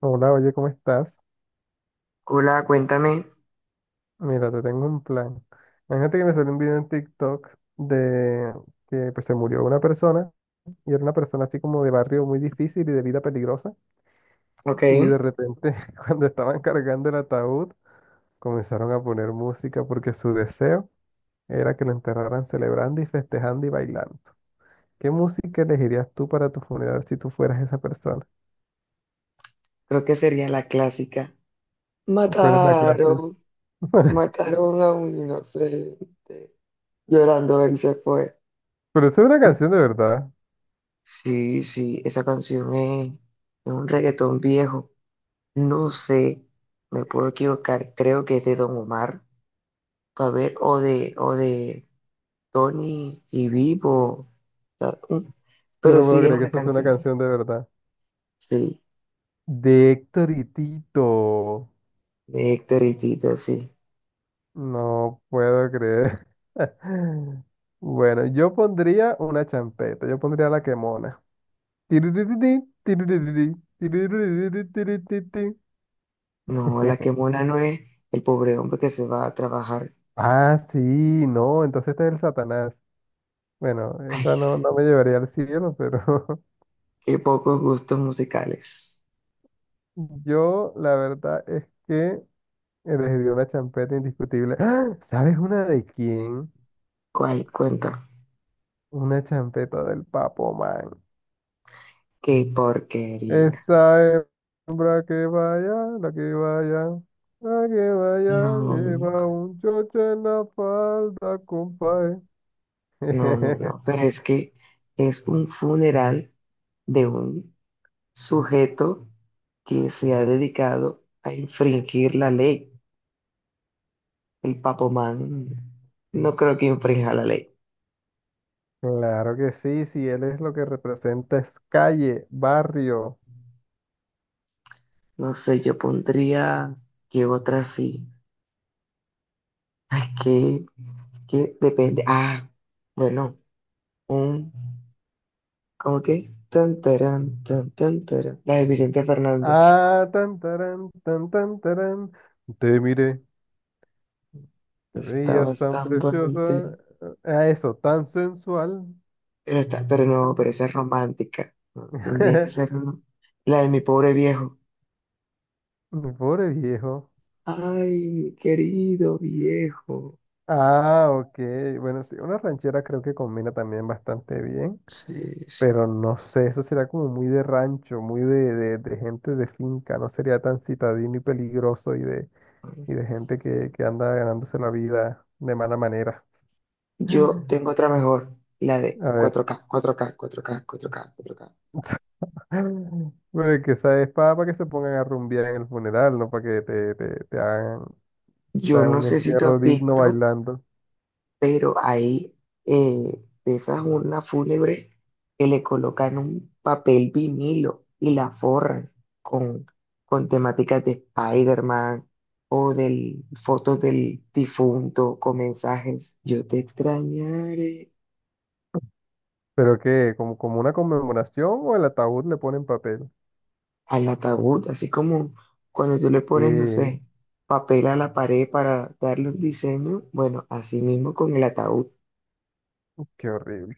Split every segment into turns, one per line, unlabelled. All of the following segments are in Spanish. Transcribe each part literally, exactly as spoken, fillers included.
Hola, oye, ¿cómo estás?
Hola, cuéntame.
Mira, te tengo un plan. Imagínate que me salió un video en TikTok de que pues se murió una persona y era una persona así como de barrio muy difícil y de vida peligrosa
Ok,
y
creo
de repente cuando estaban cargando el ataúd comenzaron a poner música porque su deseo era que lo enterraran celebrando y festejando y bailando. ¿Qué música elegirías tú para tu funeral si tú fueras esa persona?
que sería la clásica.
¿Cuál es la clase?
Mataron, mataron a un inocente. Llorando él se fue.
Pero eso es una canción de verdad.
Sí, sí, esa canción es, es un reggaetón viejo. No sé, me puedo equivocar. Creo que es de Don Omar. A ver, o de, o de Tony y Vivo. O sea, un-
Yo
pero
no puedo
sí, es
creer que
una
eso sea una
canción.
canción de verdad.
Sí,
De Héctor y Tito.
de Héctor y Tito, sí.
No puedo creer. Bueno, yo pondría una champeta, yo pondría la quemona. Tiririrí, tiririrí, tiririrí, tiriririrí.
No, la que mona no es el pobre hombre que se va a trabajar.
Ah, sí, no, entonces este es el Satanás. Bueno,
Ay,
esa no, no me llevaría al cielo, pero
qué pocos gustos musicales.
yo la verdad es que elegiría una champeta indiscutible. ¡Ah! ¿Sabes una de quién?
¿Cuál cuenta?
Una champeta del Papo Man.
Qué porquería.
Esa hembra que vaya, la que vaya, la que vaya,
No,
lleva un chocho en la falda, compadre.
no, no, no. Pero es que es un funeral de un sujeto que se ha dedicado a infringir la ley. El Papomán no creo que infrinja la ley.
Claro que sí, si él es lo que representa es calle, barrio.
No sé, yo pondría que otra sí. Ay, que, que depende. Ah, bueno, un, ¿cómo que? Tan, tarán, tan, tan, tarán. La de Vicente Fernández.
Ah, tan tarán, tan tan tarán. Te miré, te
Está
veías tan
bastante bonita.
preciosa. A eso, tan sensual.
Pero está, pero no, pero esa es romántica. No, tendría que ser una- la de mi pobre viejo.
Pobre viejo.
Ay, mi querido viejo.
Ah, ok. Bueno, sí, una ranchera creo que combina también bastante bien,
Sí, sí.
pero no sé, eso sería como muy de rancho, muy de, de, de gente de finca, no sería tan citadino y peligroso y de,
Bueno,
y de gente que, que anda ganándose la vida de mala manera.
yo tengo otra mejor. La de
A ver.
cuatro K, cuatro K, cuatro K, cuatro K, cuatro K, cuatro K.
Bueno, que esa es para, que se pongan a rumbear en el funeral, no para que te, te, te hagan, te
Yo
hagan
no
un
sé si tú
entierro
has
digno
visto,
bailando.
pero ahí eh, de esas urnas fúnebres que le colocan un papel vinilo y la forran con, con temáticas de Spider-Man o del, fotos del difunto con mensajes, yo te extrañaré
Pero que, como, como una conmemoración o el ataúd le ponen papel.
al ataúd, así como cuando tú le pones, no
Eh,
sé, papel a la pared para darle un diseño, bueno, así mismo con el ataúd,
qué horrible.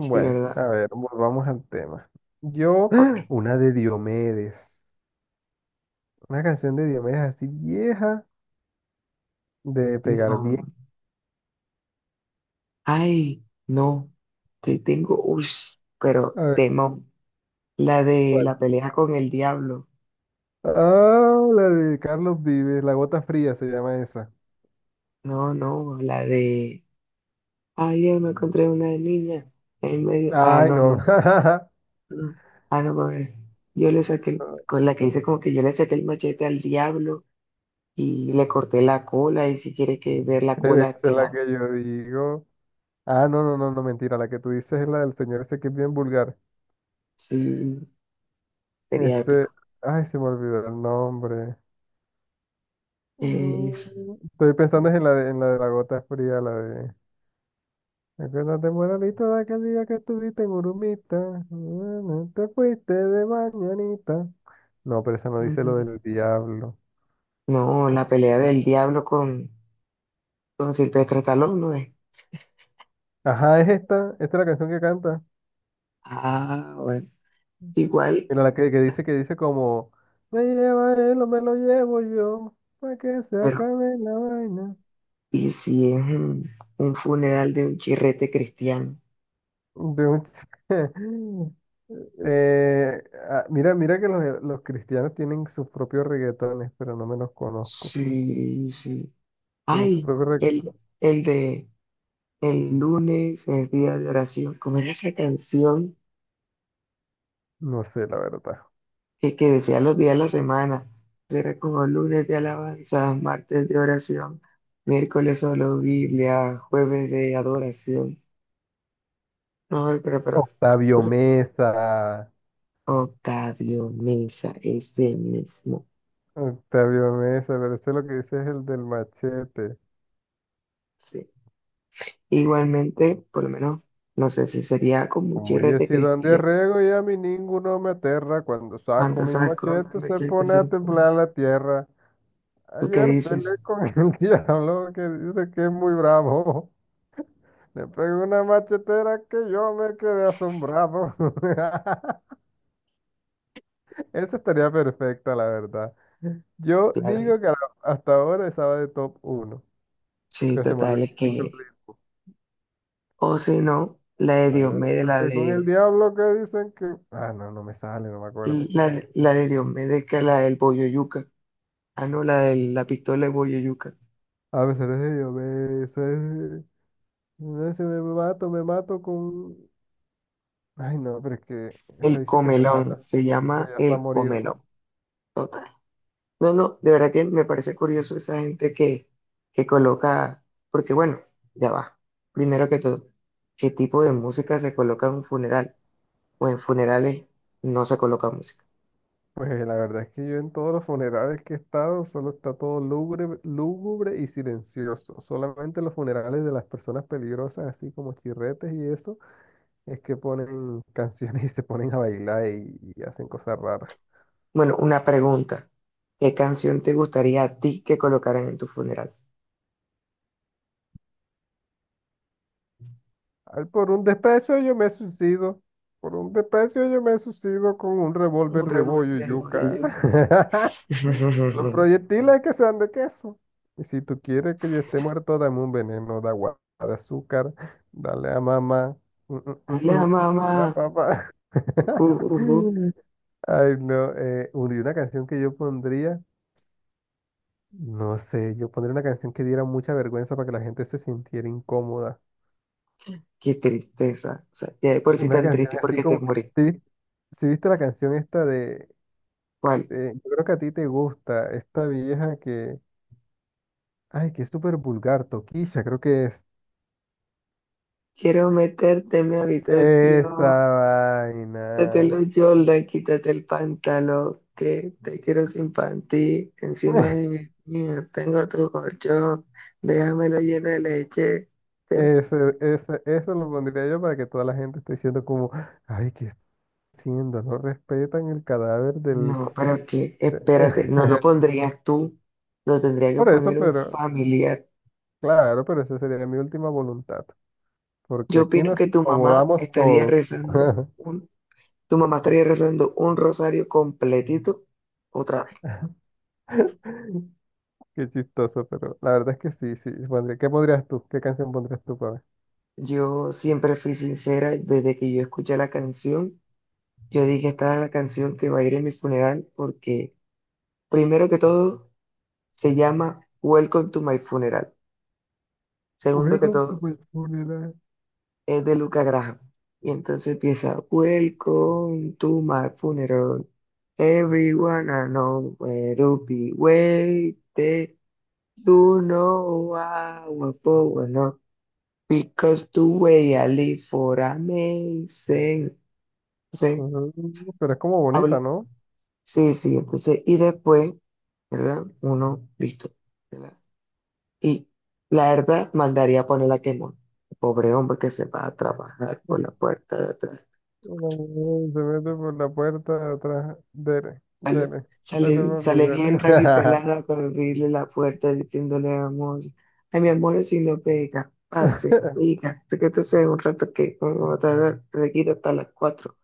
sí, ¿verdad?
a ver, volvamos al tema. Yo, ¡Ah!
Ok,
Una de Diomedes, una canción de Diomedes así vieja, de pegar bien.
no. Ay, no, te tengo, uy,
A
pero
ver,
temo. La de
¿cuál?
la pelea con el diablo.
Ah, la de Carlos Vives, La Gota Fría se llama esa.
No, no, la de. Ayer me encontré una niña en medio. Ah,
Ay,
no,
no,
no, no. Ah, no, a ver. Yo le saqué, el- con la que hice como que yo le saqué el machete al diablo y le corté la cola. Y si quiere que ver la
pero esa
cola,
es
que
la que
la.
yo digo. Ah, no, no, no, no, mentira, la que tú dices es la del señor ese que es bien vulgar.
Sí, sería
Ese,
épico.
ay, se me olvidó el nombre.
Es-
Mm, Estoy pensando es en la de, en la de La Gota Fría, la de... Acuérdate, moralito, de aquel día que estuviste en Urumita. mm, mm, Te fuiste de mañanita. No, pero esa no dice lo del diablo.
No,
¿Cómo
la
que
pelea
se llama?
del diablo con, con Silvestre Stallone, ¿no es?
Ajá, es esta. Esta es la canción que canta.
Ah, bueno, igual,
Mira la que, que dice que dice como me lleva él o me lo llevo yo. Para que se
pero
acabe la vaina.
¿y si es un, un funeral de un chirrete cristiano?
De un ch- Eh, ah, mira, mira que los, los cristianos tienen sus propios reggaetones, pero no me los conozco.
Sí, sí.
Tienen su
Ay,
propio reg-
el, el de el lunes es día de oración. ¿Cómo era esa canción
No sé, la verdad.
que, que decía los días de la semana? Era como lunes de alabanza, martes de oración, miércoles solo Biblia, jueves de adoración. No, pero, pero,
Octavio
pero
Mesa.
Octavio Mesa, ese mismo.
Octavio Mesa, pero ese lo que dice es el del machete.
Sí. Igualmente, por lo menos, no sé si sería con un
Como yo he
chirrete
sido Andy
cristiano.
y a mí ninguno me aterra, cuando saco
Cuando
mi
saco el
machete se
machete
pone a
sentado.
temblar la tierra.
¿Tú qué
Ayer
dices?
peleé con el diablo que dice que es muy bravo. Le pegué una machetera que yo me quedé asombrado. Esa estaría perfecta, la verdad. Yo
Claro. y-
digo que a la- hasta ahora estaba de top uno,
Sí,
pero se me
total,
olvidó
es
el
que.
ritmo.
O si no, la de
Ayer me
Diomedes, la
peleé con el
de.
diablo que dicen que... Ah, no, no me sale, no me acuerdo.
La, la de Diomedes, que es la del Boyoyuca. Ah, no, la de la pistola de Boyoyuca.
A veces yo me... se- no sé, me mato, me mato con... Ay, no, pero es que se
El
dice que te
comelón,
mata,
se
pero
llama
ya está
el
morido.
comelón. Total. No, no, de verdad que me parece curioso esa gente que, que coloca, porque bueno, ya va. Primero que todo, ¿qué tipo de música se coloca en un funeral? O en funerales no se coloca música.
Pues la verdad es que yo en todos los funerales que he estado solo está todo lúgubre, lúgubre y silencioso. Solamente los funerales de las personas peligrosas, así como chirretes y eso, es que ponen canciones y se ponen a bailar y y hacen cosas raras.
Bueno, una pregunta. ¿Qué canción te gustaría a ti que colocaran en tu funeral?
Ay, por un desprecio yo me suicido. Por un desprecio yo me suicido con un
Un
revólver de bollo y
revolteo de
yuca.
yuca.
Los proyectiles que sean de queso. Y si tú quieres que yo esté muerto, dame un veneno de agua, de azúcar. Dale a mamá. Mm, mm, mm,
Hola
mm. Dale a
mamá.
papá.
Uh, uh, uh.
Ay, no. Eh, un- y una canción que yo pondría, no sé, yo pondría una canción que diera mucha vergüenza para que la gente se sintiera incómoda.
Qué tristeza. O sea, ya de por sí
Una
tan
canción
triste
así
porque te
como,
morí.
¿sí, sí viste la canción esta de,
¿Cuál?
de- yo creo que a ti te gusta, esta vieja que, ay, que es súper vulgar, Toquilla, creo que es.
Quiero meterte en mi
Esa
habitación. Quítate
vaina.
los Jordan, quítate el pantalón, que te quiero sin panty, encima de mi niña tengo tu colchón, déjamelo lleno de leche. Te-
ese ese eso lo pondría yo para que toda la gente esté diciendo como, ay, ¿qué está haciendo? No respetan el cadáver del...
No, pero que, espérate, no lo pondrías tú, lo tendría que
Por eso,
poner un
pero,
familiar.
claro, pero esa sería mi última voluntad, porque
Yo
aquí
opino
nos
que tu mamá
incomodamos
estaría
todos.
rezando un, tu mamá estaría rezando un rosario completito otra vez.
Qué chistoso, pero la verdad es que sí, sí. pondría- ¿Qué pondrías tú? ¿Qué canción pondrías tú para ver?
Yo siempre fui sincera desde que yo escuché la canción. Yo dije, esta es la canción que va a ir en mi funeral porque, primero que todo, se llama Welcome to my funeral. Segundo que
Welcome
todo,
to my funeral.
es de Luca Graham. Y entonces empieza, Welcome to my funeral. Everyone I know will be waiting. You know I will forward, up because the way I live for amazing. Entonces,
Mm, Pero es como bonita,
habla.
¿no?
Sí, sí, entonces, y después. ¿Verdad? Uno, listo, ¿verdad? Y la verdad, mandaría a poner a quemón. Pobre hombre que se va a trabajar por la puerta de atrás.
Mm, se mete por la puerta de atrás. Dele, dele, dele,
Sale,
papi,
sale bien
dele.
rabipelada con abrirle la puerta diciéndole a amor, ay, mi amor, si no pega, pase, diga, que te sea un rato que vamos a tardar seguido hasta las cuatro.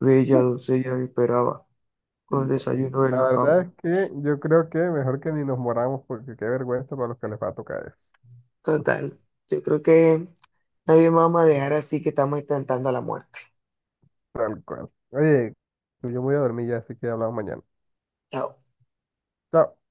Bella doncella me esperaba con el desayuno en
La
la
verdad
cama.
es que yo creo que mejor que ni nos moramos porque qué vergüenza para los que les va a tocar eso.
Total, yo creo que nadie me va a dejar así que estamos intentando la muerte.
Tal cual. Oye, yo me voy a dormir ya, así que hablamos mañana.
Chao.
Chao.